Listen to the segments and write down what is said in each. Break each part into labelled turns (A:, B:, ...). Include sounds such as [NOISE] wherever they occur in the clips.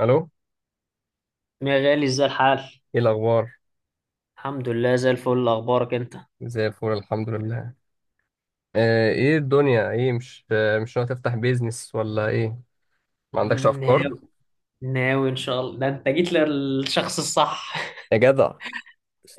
A: الو،
B: يا غالي، ازاي الحال؟
A: ايه الاخبار؟
B: الحمد لله، زي الفل. اخبارك انت؟
A: زي الفل، الحمد لله. ايه الدنيا، ايه؟ مش ناوي تفتح بيزنس ولا ايه؟ ما عندكش افكار؟
B: ناوي ناوي ان شاء الله، ده انت جيت للشخص الصح. [LAUGHS]
A: يا جدع.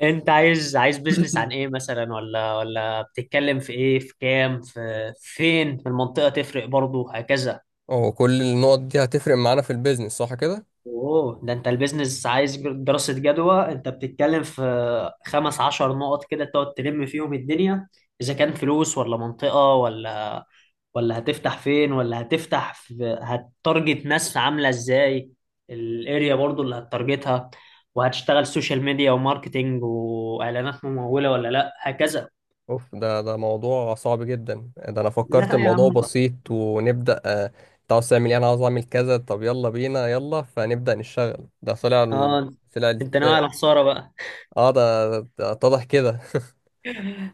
B: انت عايز بيزنس عن
A: [COUGHS] [CLEARS THROAT]
B: ايه مثلا؟ ولا بتتكلم في ايه، في كام، في فين؟ في المنطقة تفرق برضو، هكذا.
A: هو كل النقط دي هتفرق معانا في البيزنس، صح كده؟
B: اوه، ده انت البيزنس عايز دراسة جدوى. انت بتتكلم في 15 نقط كده تقعد تلم فيهم الدنيا. اذا كان فلوس، ولا منطقة، ولا هتفتح فين، ولا هتفتح في هتارجت ناس عامله ازاي، الاريا برضو اللي هتارجتها، وهتشتغل سوشيال ميديا وماركتينج واعلانات مموله ولا لا، هكذا.
A: اوف، ده موضوع صعب جدا. ده انا فكرت
B: لا يا
A: الموضوع
B: عم.
A: بسيط ونبدا انت عاوز تعمل ايه، انا عاوز اعمل كذا، طب يلا بينا، يلا فنبدا نشتغل. ده طلع
B: اه،
A: طلع
B: انت ناوي على خساره بقى.
A: اه، ده اتضح كده.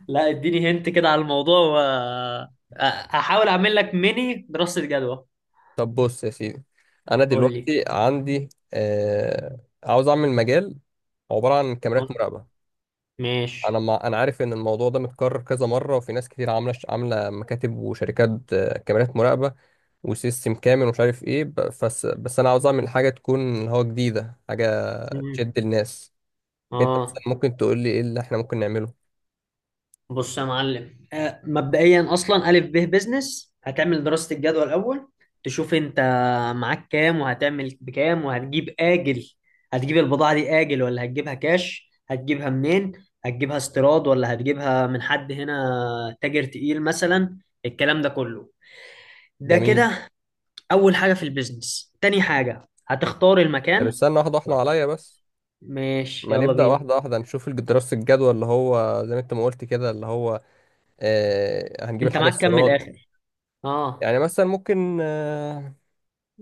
B: لا، اديني هنت كده على الموضوع أ- هحاول اعمل لك ميني دراسه جدوى.
A: طب بص يا سيدي، انا
B: قول لي.
A: دلوقتي عندي عاوز اعمل مجال عباره عن كاميرات
B: [LAUGHS]
A: مراقبه. انا
B: ماشي.
A: ما انا عارف ان الموضوع ده متكرر كذا مره، وفي ناس كتير عامله مكاتب وشركات، كاميرات مراقبه وسيستم كامل ومش عارف ايه بس بس انا عاوز اعمل حاجه تكون هو جديده، حاجه
B: مم.
A: تشد الناس. انت مثلا
B: اه،
A: ممكن تقول لي ايه اللي احنا ممكن نعمله؟
B: بص يا معلم. مبدئيا اصلا الف ب بزنس هتعمل دراسه الجدوى الاول. تشوف انت معاك كام، وهتعمل بكام، وهتجيب اجل. هتجيب البضاعه دي اجل ولا هتجيبها كاش؟ هتجيبها منين؟ هتجيبها استيراد ولا هتجيبها من حد هنا، تاجر تقيل مثلا؟ الكلام ده كله ده
A: جميل.
B: كده اول حاجه في البيزنس. تاني حاجه هتختار
A: طب
B: المكان.
A: استنى واحده واحده عليا بس،
B: ماشي،
A: ما
B: يلا
A: نبدا
B: بينا.
A: واحده واحده نشوف دراسه الجدوى اللي هو زي ما انت ما قلت كده، اللي هو هنجيب
B: انت
A: الحاجة
B: معاك كام من
A: السيراد.
B: الاخر؟ اه،
A: يعني مثلا ممكن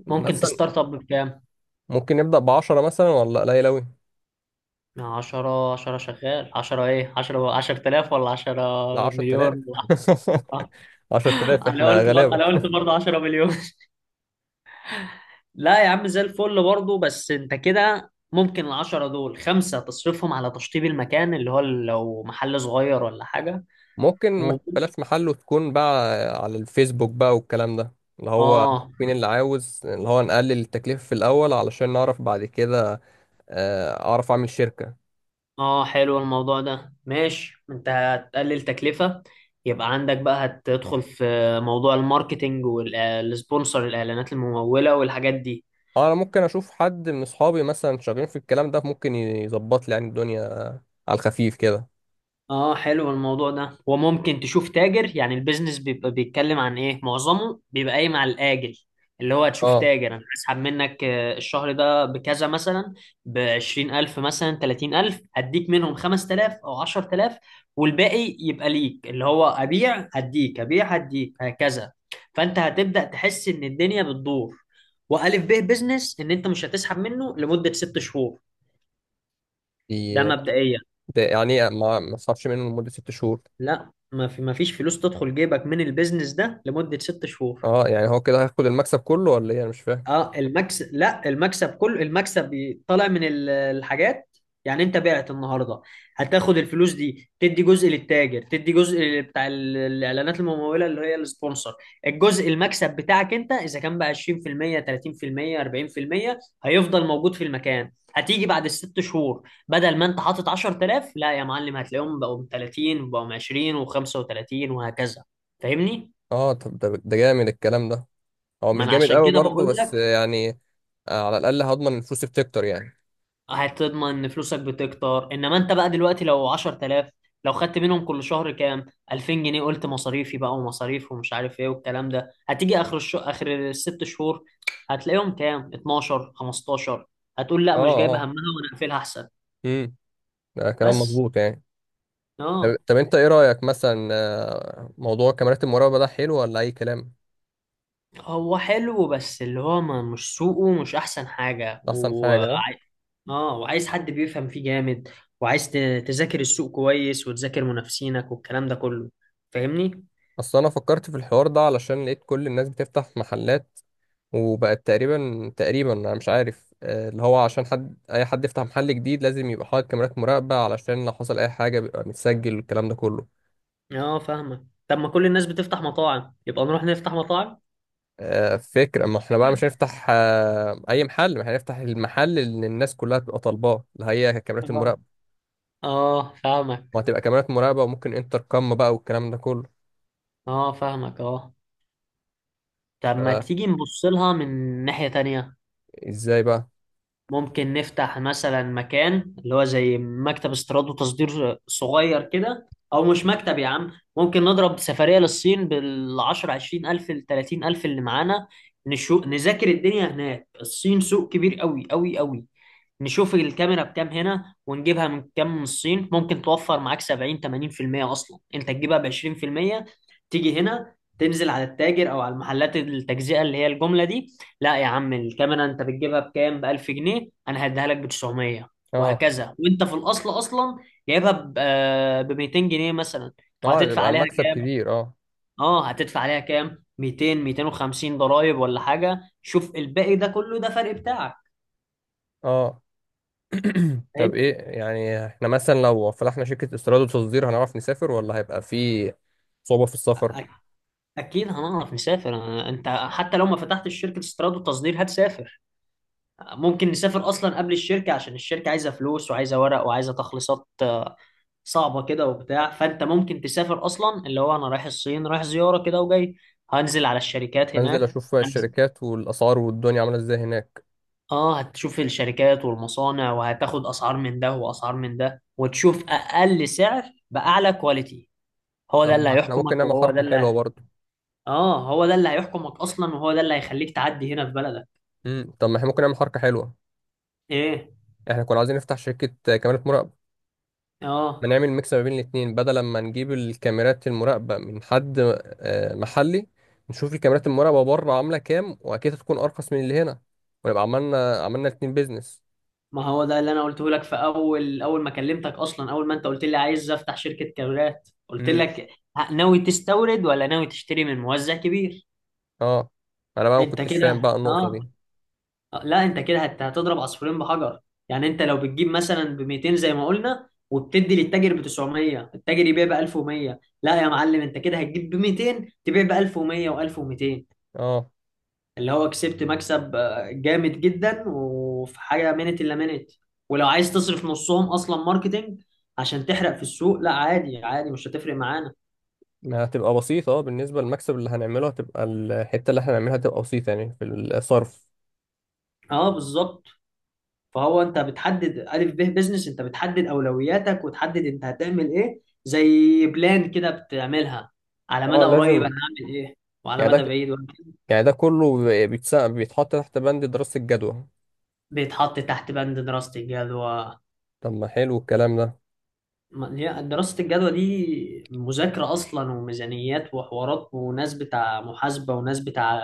B: ممكن
A: مثلا
B: تستارت اب بكام؟
A: ممكن نبدأ بعشرة مثلا، ولا قليل أوي؟
B: عشرة؟ عشرة شغال. عشرة ايه؟ عشرة، عشرة آلاف ولا عشرة
A: لا، 10000.
B: مليون؟
A: [LAUGHS] عشرة
B: [LAUGHS]
A: آلاف احنا غلابة.
B: انا قلت برضه عشرة مليون. [LAUGHS] لا يا عم، زي الفل برضه. بس انت كده ممكن العشرة دول خمسة تصرفهم على تشطيب المكان، اللي هو لو محل صغير ولا حاجة
A: ممكن
B: و...
A: ما بلاش محل، وتكون بقى على الفيسبوك بقى والكلام ده، اللي هو
B: اه.
A: مين اللي عاوز، اللي هو نقلل التكلفة في الأول علشان نعرف بعد كده أعرف أعمل شركة.
B: اه حلو الموضوع ده، ماشي. انت هتقلل تكلفة، يبقى عندك بقى هتدخل في موضوع الماركتينج والسبونسر، الاعلانات الممولة والحاجات دي.
A: أنا ممكن أشوف حد من أصحابي مثلا شغالين في الكلام ده، ممكن يظبط لي يعني الدنيا، على الخفيف كده.
B: اه حلو الموضوع ده. وممكن تشوف تاجر. يعني البيزنس بيبقى بيتكلم عن ايه، معظمه بيبقى قايم على الاجل، اللي هو تشوف
A: اه.
B: تاجر. انا هسحب منك الشهر ده بكذا مثلا، بـ 20,000 مثلا، 30,000. هديك منهم 5,000 او 10,000، والباقي يبقى ليك، اللي هو ابيع هديك، ابيع هديك، هكذا. فانت هتبدأ تحس ان الدنيا بتدور. والف ب بيزنس ان انت مش هتسحب منه لمدة 6 شهور. ده
A: دي
B: مبدئيا.
A: ده يعني إيه؟ ما صرفش منه لمدة 6 شهور؟
B: لا، ما فيش فلوس تدخل جيبك من البيزنس ده لمدة ست شهور.
A: اه يعني هو كده هياخد المكسب كله ولا ايه؟ انا مش فاهم.
B: اه المكسب، لا المكسب كله، طالع من الحاجات. يعني انت بعت النهارده، هتاخد الفلوس دي تدي جزء للتاجر، تدي جزء بتاع الاعلانات الممولة اللي هي السبونسر. الجزء المكسب بتاعك انت اذا كان بقى 20%، 30%، 40% هيفضل موجود في المكان، هتيجي بعد الست شهور بدل ما انت حاطط 10,000، لا يا معلم هتلاقيهم بقوا 30، وبقوا 20 و35، وهكذا. فاهمني؟
A: اه طب ده جامد الكلام ده، هو
B: ما
A: مش
B: انا
A: جامد
B: عشان
A: قوي
B: كده
A: برضه
B: بقول.
A: بس يعني على الاقل هضمن الفلوس بتكتر يعني.
B: هتضمن ان فلوسك بتكتر. انما انت بقى دلوقتي لو 10,000، لو خدت منهم كل شهر كام، 2000 جنيه، قلت مصاريفي بقى ومصاريف ومش عارف ايه والكلام ده، هتيجي اخر الست شهور، هتلاقيهم كام، 12، 15. هتقول لا
A: اه
B: مش جايبه همها
A: اه.
B: وانا اقفلها احسن.
A: امم ده كلام
B: بس.
A: مظبوط يعني. طب,
B: اه.
A: طب انت ايه رايك مثلا موضوع كاميرات المراقبه ده، حلو ولا اي كلام؟
B: هو حلو، بس اللي هو ما مش سوقه مش احسن حاجه
A: ده احسن
B: و...
A: حاجه آه؟
B: اه. وعايز حد بيفهم فيه جامد، وعايز تذاكر السوق كويس، وتذاكر منافسينك والكلام ده كله. فاهمني؟
A: اصل انا فكرت في الحوار ده علشان لقيت كل الناس بتفتح محلات، وبقت تقريبا تقريبا، انا مش عارف اللي هو عشان حد، اي حد يفتح محل جديد لازم يبقى حاطط كاميرات مراقبة علشان لو حصل اي حاجة بيبقى متسجل والكلام ده كله.
B: اه، فاهمك. طب ما كل الناس بتفتح مطاعم، يبقى نروح نفتح مطاعم.
A: فكرة، ما احنا بقى مش هنفتح اي محل، ما احنا هنفتح المحل اللي الناس كلها تبقى طالباه، اللي هي كاميرات
B: اه
A: المراقبة.
B: اه، فاهمك.
A: ما هتبقى كاميرات مراقبة، وممكن انتر كام بقى والكلام ده كله.
B: اه، فاهمك. اه، طب ما تيجي نبص لها من ناحية تانية.
A: فازاي بقى؟
B: ممكن نفتح مثلا مكان اللي هو زي مكتب استيراد وتصدير صغير كده، او مش مكتب يا عم. ممكن نضرب سفرية للصين بالعشر عشرين الف لتلاتين الف اللي معانا. نذاكر الدنيا هناك. الصين سوق كبير قوي قوي قوي. نشوف الكاميرا بكام هنا، ونجيبها من كام من الصين. ممكن توفر معاك 70 80%. اصلا انت تجيبها ب 20%، تيجي هنا تنزل على التاجر او على المحلات التجزئه اللي هي الجمله دي. لا يا عم، الكاميرا انت بتجيبها بكام، ب 1000 جنيه، انا هديها لك ب 900،
A: اه
B: وهكذا. وانت في الاصل اصلا جايبها ب 200 جنيه مثلا.
A: اه،
B: وهتدفع
A: يبقى
B: عليها
A: المكسب
B: كام؟
A: كبير، اه.
B: اه، هتدفع عليها كام، 200، 250، ضرايب ولا حاجه. شوف الباقي ده كله، ده فرق بتاعك.
A: اه طب ايه، يعني احنا مثلا لو فتحنا شركة استيراد وتصدير هنعرف نسافر، ولا هيبقى في صعوبة في السفر؟
B: فاهم؟ اكيد هنعرف نسافر. انت حتى لو ما فتحتش شركه استيراد وتصدير هتسافر. ممكن نسافر اصلا قبل الشركه، عشان الشركه عايزه فلوس، وعايزه ورق، وعايزه تخليصات، صعبه كده وبتاع. فانت ممكن تسافر اصلا، اللي هو انا رايح الصين، رايح زياره كده وجاي، هنزل على الشركات
A: انزل
B: هناك.
A: اشوف
B: هنزل.
A: الشركات والاسعار والدنيا عاملة ازاي هناك.
B: اه، هتشوف الشركات والمصانع، وهتاخد اسعار من ده واسعار من ده، وتشوف اقل سعر باعلى كواليتي. هو
A: طب
B: ده اللي
A: ما احنا ممكن
B: هيحكمك،
A: نعمل
B: وهو ده
A: حركة حلوة
B: اللي...
A: برضه.
B: اه هو ده اللي هيحكمك اصلا، وهو ده اللي هيخليك تعدي هنا في بلدك.
A: طب ما احنا ممكن نعمل حركة حلوة،
B: ايه.
A: احنا كنا عايزين نفتح شركة كاميرات مراقبة، ما
B: اه،
A: نعمل ميكس ما بين الاتنين، بدل ما نجيب الكاميرات المراقبة من حد محلي، نشوف الكاميرات المراقبة بره عاملة كام، واكيد هتكون ارخص من اللي هنا، ونبقى عملنا الاتنين بيزنس.
B: ما هو ده اللي انا قلته لك في اول ما كلمتك اصلا، اول ما انت قلت لي عايز افتح شركة كاميرات، قلت لك ناوي تستورد ولا ناوي تشتري من موزع كبير؟
A: اه، انا بقى ما
B: انت
A: كنتش فاهم بقى
B: كده،
A: النقطة
B: اه.
A: دي.
B: لا انت كده هتضرب عصفورين بحجر. يعني انت لو بتجيب مثلا ب 200 زي ما قلنا، وبتدي للتاجر ب 900، التاجر يبيع ب 1100، لا يا معلم انت كده هتجيب ب 200، تبيع ب 1100 و1200.
A: اه
B: اللي هو كسبت مكسب جامد جدا، وفي حاجه منت الا منت. ولو عايز تصرف نصهم اصلا ماركتينج عشان تحرق في السوق، لا عادي عادي مش هتفرق معانا.
A: ما هتبقى بسيطة، اه بالنسبة للمكسب اللي هنعمله هتبقى الحتة اللي احنا هنعملها هتبقى بسيطة يعني في الصرف.
B: اه بالظبط. فهو انت بتحدد الف ب بزنس، انت بتحدد اولوياتك، وتحدد انت هتعمل ايه. زي بلان كده بتعملها، على
A: اه
B: مدى قريب انا
A: لازم.
B: هعمل ايه، وعلى
A: يعني
B: مدى
A: ده،
B: بعيد وهعمل إيه.
A: يعني ده كله بيتحط تحت بند دراسة الجدوى.
B: بيتحط تحت بند دراسه الجدوى.
A: طب ما حلو الكلام ده.
B: ما هي دراسة الجدوى دي مذاكرة أصلا، وميزانيات، وحوارات، وناس بتاع محاسبة، وناس بتاع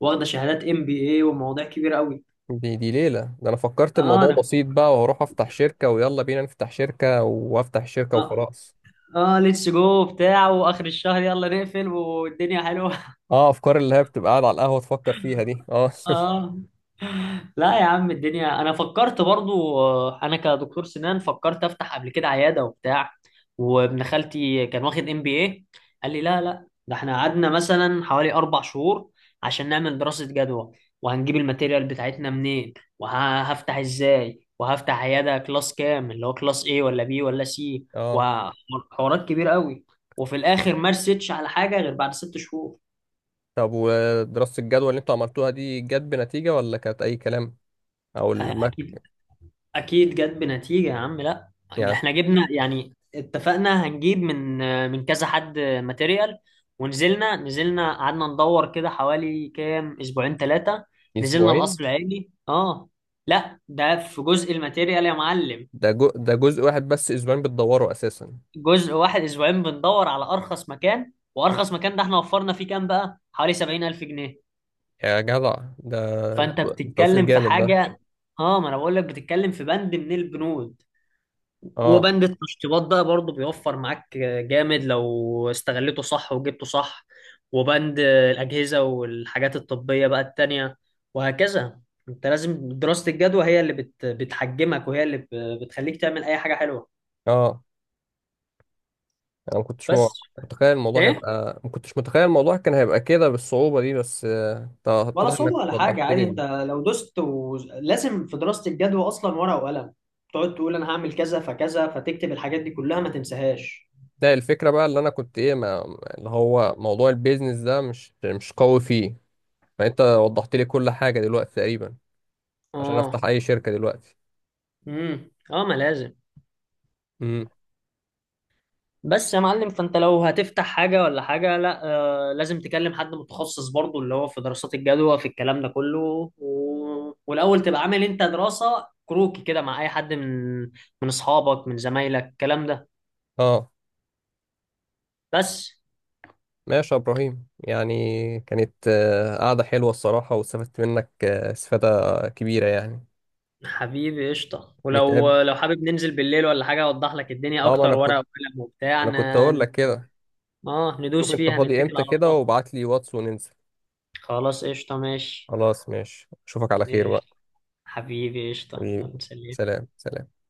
B: واخدة شهادات ام بي اي، ومواضيع كبيرة قوي.
A: دي دي ليلة، ده انا فكرت
B: اه.
A: الموضوع
B: انا
A: بسيط بقى وهروح افتح شركة، ويلا بينا نفتح شركة، وافتح شركة
B: اه,
A: وخلاص.
B: ليتس جو بتاع، واخر الشهر يلا نقفل، والدنيا حلوة.
A: اه افكار اللي هي بتبقى قاعد على القهوة تفكر فيها دي، اه. [LAUGHS]
B: اه. لا يا عم الدنيا. انا فكرت برضو، انا كدكتور سنان فكرت افتح قبل كده عياده وبتاع، وابن خالتي كان واخد ام بي اي، قال لي لا لا، ده احنا قعدنا مثلا حوالي 4 شهور عشان نعمل دراسه جدوى، وهنجيب الماتيريال بتاعتنا منين، وهفتح ازاي، وهفتح عياده كلاس كام، اللي هو كلاس ايه، ولا بي ولا سي،
A: اه
B: وحوارات كبيره قوي. وفي الاخر ما رستش على حاجه غير بعد ست شهور.
A: طب ودراسة الجدوى اللي انتوا عملتوها دي، جت بنتيجة ولا كانت اي كلام؟ او
B: اكيد.
A: المك،
B: اكيد جت بنتيجة يا عم. لا
A: يعني،
B: احنا جبنا، يعني اتفقنا هنجيب من كذا حد ماتيريال، ونزلنا، قعدنا ندور كده حوالي كام، اسبوعين ثلاثة. نزلنا
A: اسبوعين؟
B: القصر العيني. اه، لا ده في جزء الماتيريال يا معلم.
A: ده جزء واحد بس اسبوعين بتدوره اساسا؟
B: جزء واحد اسبوعين بندور على ارخص مكان، وارخص مكان ده احنا وفرنا فيه كام بقى، حوالي 70,000 جنيه.
A: يا جدع، ده
B: فانت
A: توفير
B: بتتكلم في
A: جامد ده.
B: حاجة. اه، ما انا بقول لك بتتكلم في بند من البنود.
A: اه
B: وبند التشطيبات ده برضه بيوفر معاك جامد لو استغلته صح وجبته صح. وبند الأجهزة والحاجات الطبية بقى التانية، وهكذا. انت لازم دراسة الجدوى هي اللي بتحجمك، وهي اللي بتخليك تعمل أي حاجة حلوة.
A: اه. انا ما كنتش
B: بس.
A: متخيل الموضوع
B: ايه،
A: هيبقى، ما كنتش متخيل الموضوع كان هيبقى كده بالصعوبة دي، بس
B: ولا
A: اتضح
B: صعوبة
A: انك
B: ولا حاجة،
A: وضحت لي
B: عادي. انت لو دست و... لازم في دراسة الجدوى أصلا ورقة وقلم، تقعد تقول أنا هعمل كذا فكذا، فتكتب الحاجات دي كلها ما تنساهاش.
A: لا، الفكرة بقى اللي انا كنت ايه ما... اللي هو موضوع البيزنس ده مش قوي فيه، فانت وضحت لي كل حاجة دلوقتي تقريبا، عشان افتح
B: اه.
A: اي شركة دلوقتي.
B: امم. اه، ما لازم.
A: امم
B: بس يا معلم، فانت لو هتفتح حاجة ولا حاجة، لا آه لازم تكلم حد متخصص برضو، اللي هو في دراسات الجدوى في الكلام ده كله و... والأول تبقى عامل انت دراسة كروكي كده مع أي حد من أصحابك، من زمايلك، الكلام ده.
A: اه
B: بس.
A: ماشي يا إبراهيم، يعني كانت قعدة حلوة الصراحة، واستفدت منك استفادة كبيرة يعني.
B: حبيبي قشطة.
A: نتقابل.
B: ولو حابب ننزل بالليل ولا حاجة أوضح لك الدنيا
A: وانا اه، ما أنا
B: أكتر،
A: اكتر
B: ورقة
A: كنت،
B: وقلم وبتاع
A: أنا كنت يعني أقول لك كده،
B: اه
A: شوف
B: ندوس
A: أنت
B: فيها،
A: فاضي
B: نتكل
A: إمتى
B: على
A: كده
B: الله.
A: وابعت لي واتس وننزل.
B: خلاص قشطة. ماشي.
A: خلاص ماشي، أشوفك على خير بقى.
B: قشطة حبيبي قشطة.
A: حبيبي،
B: يلا سلام.
A: سلام سلام.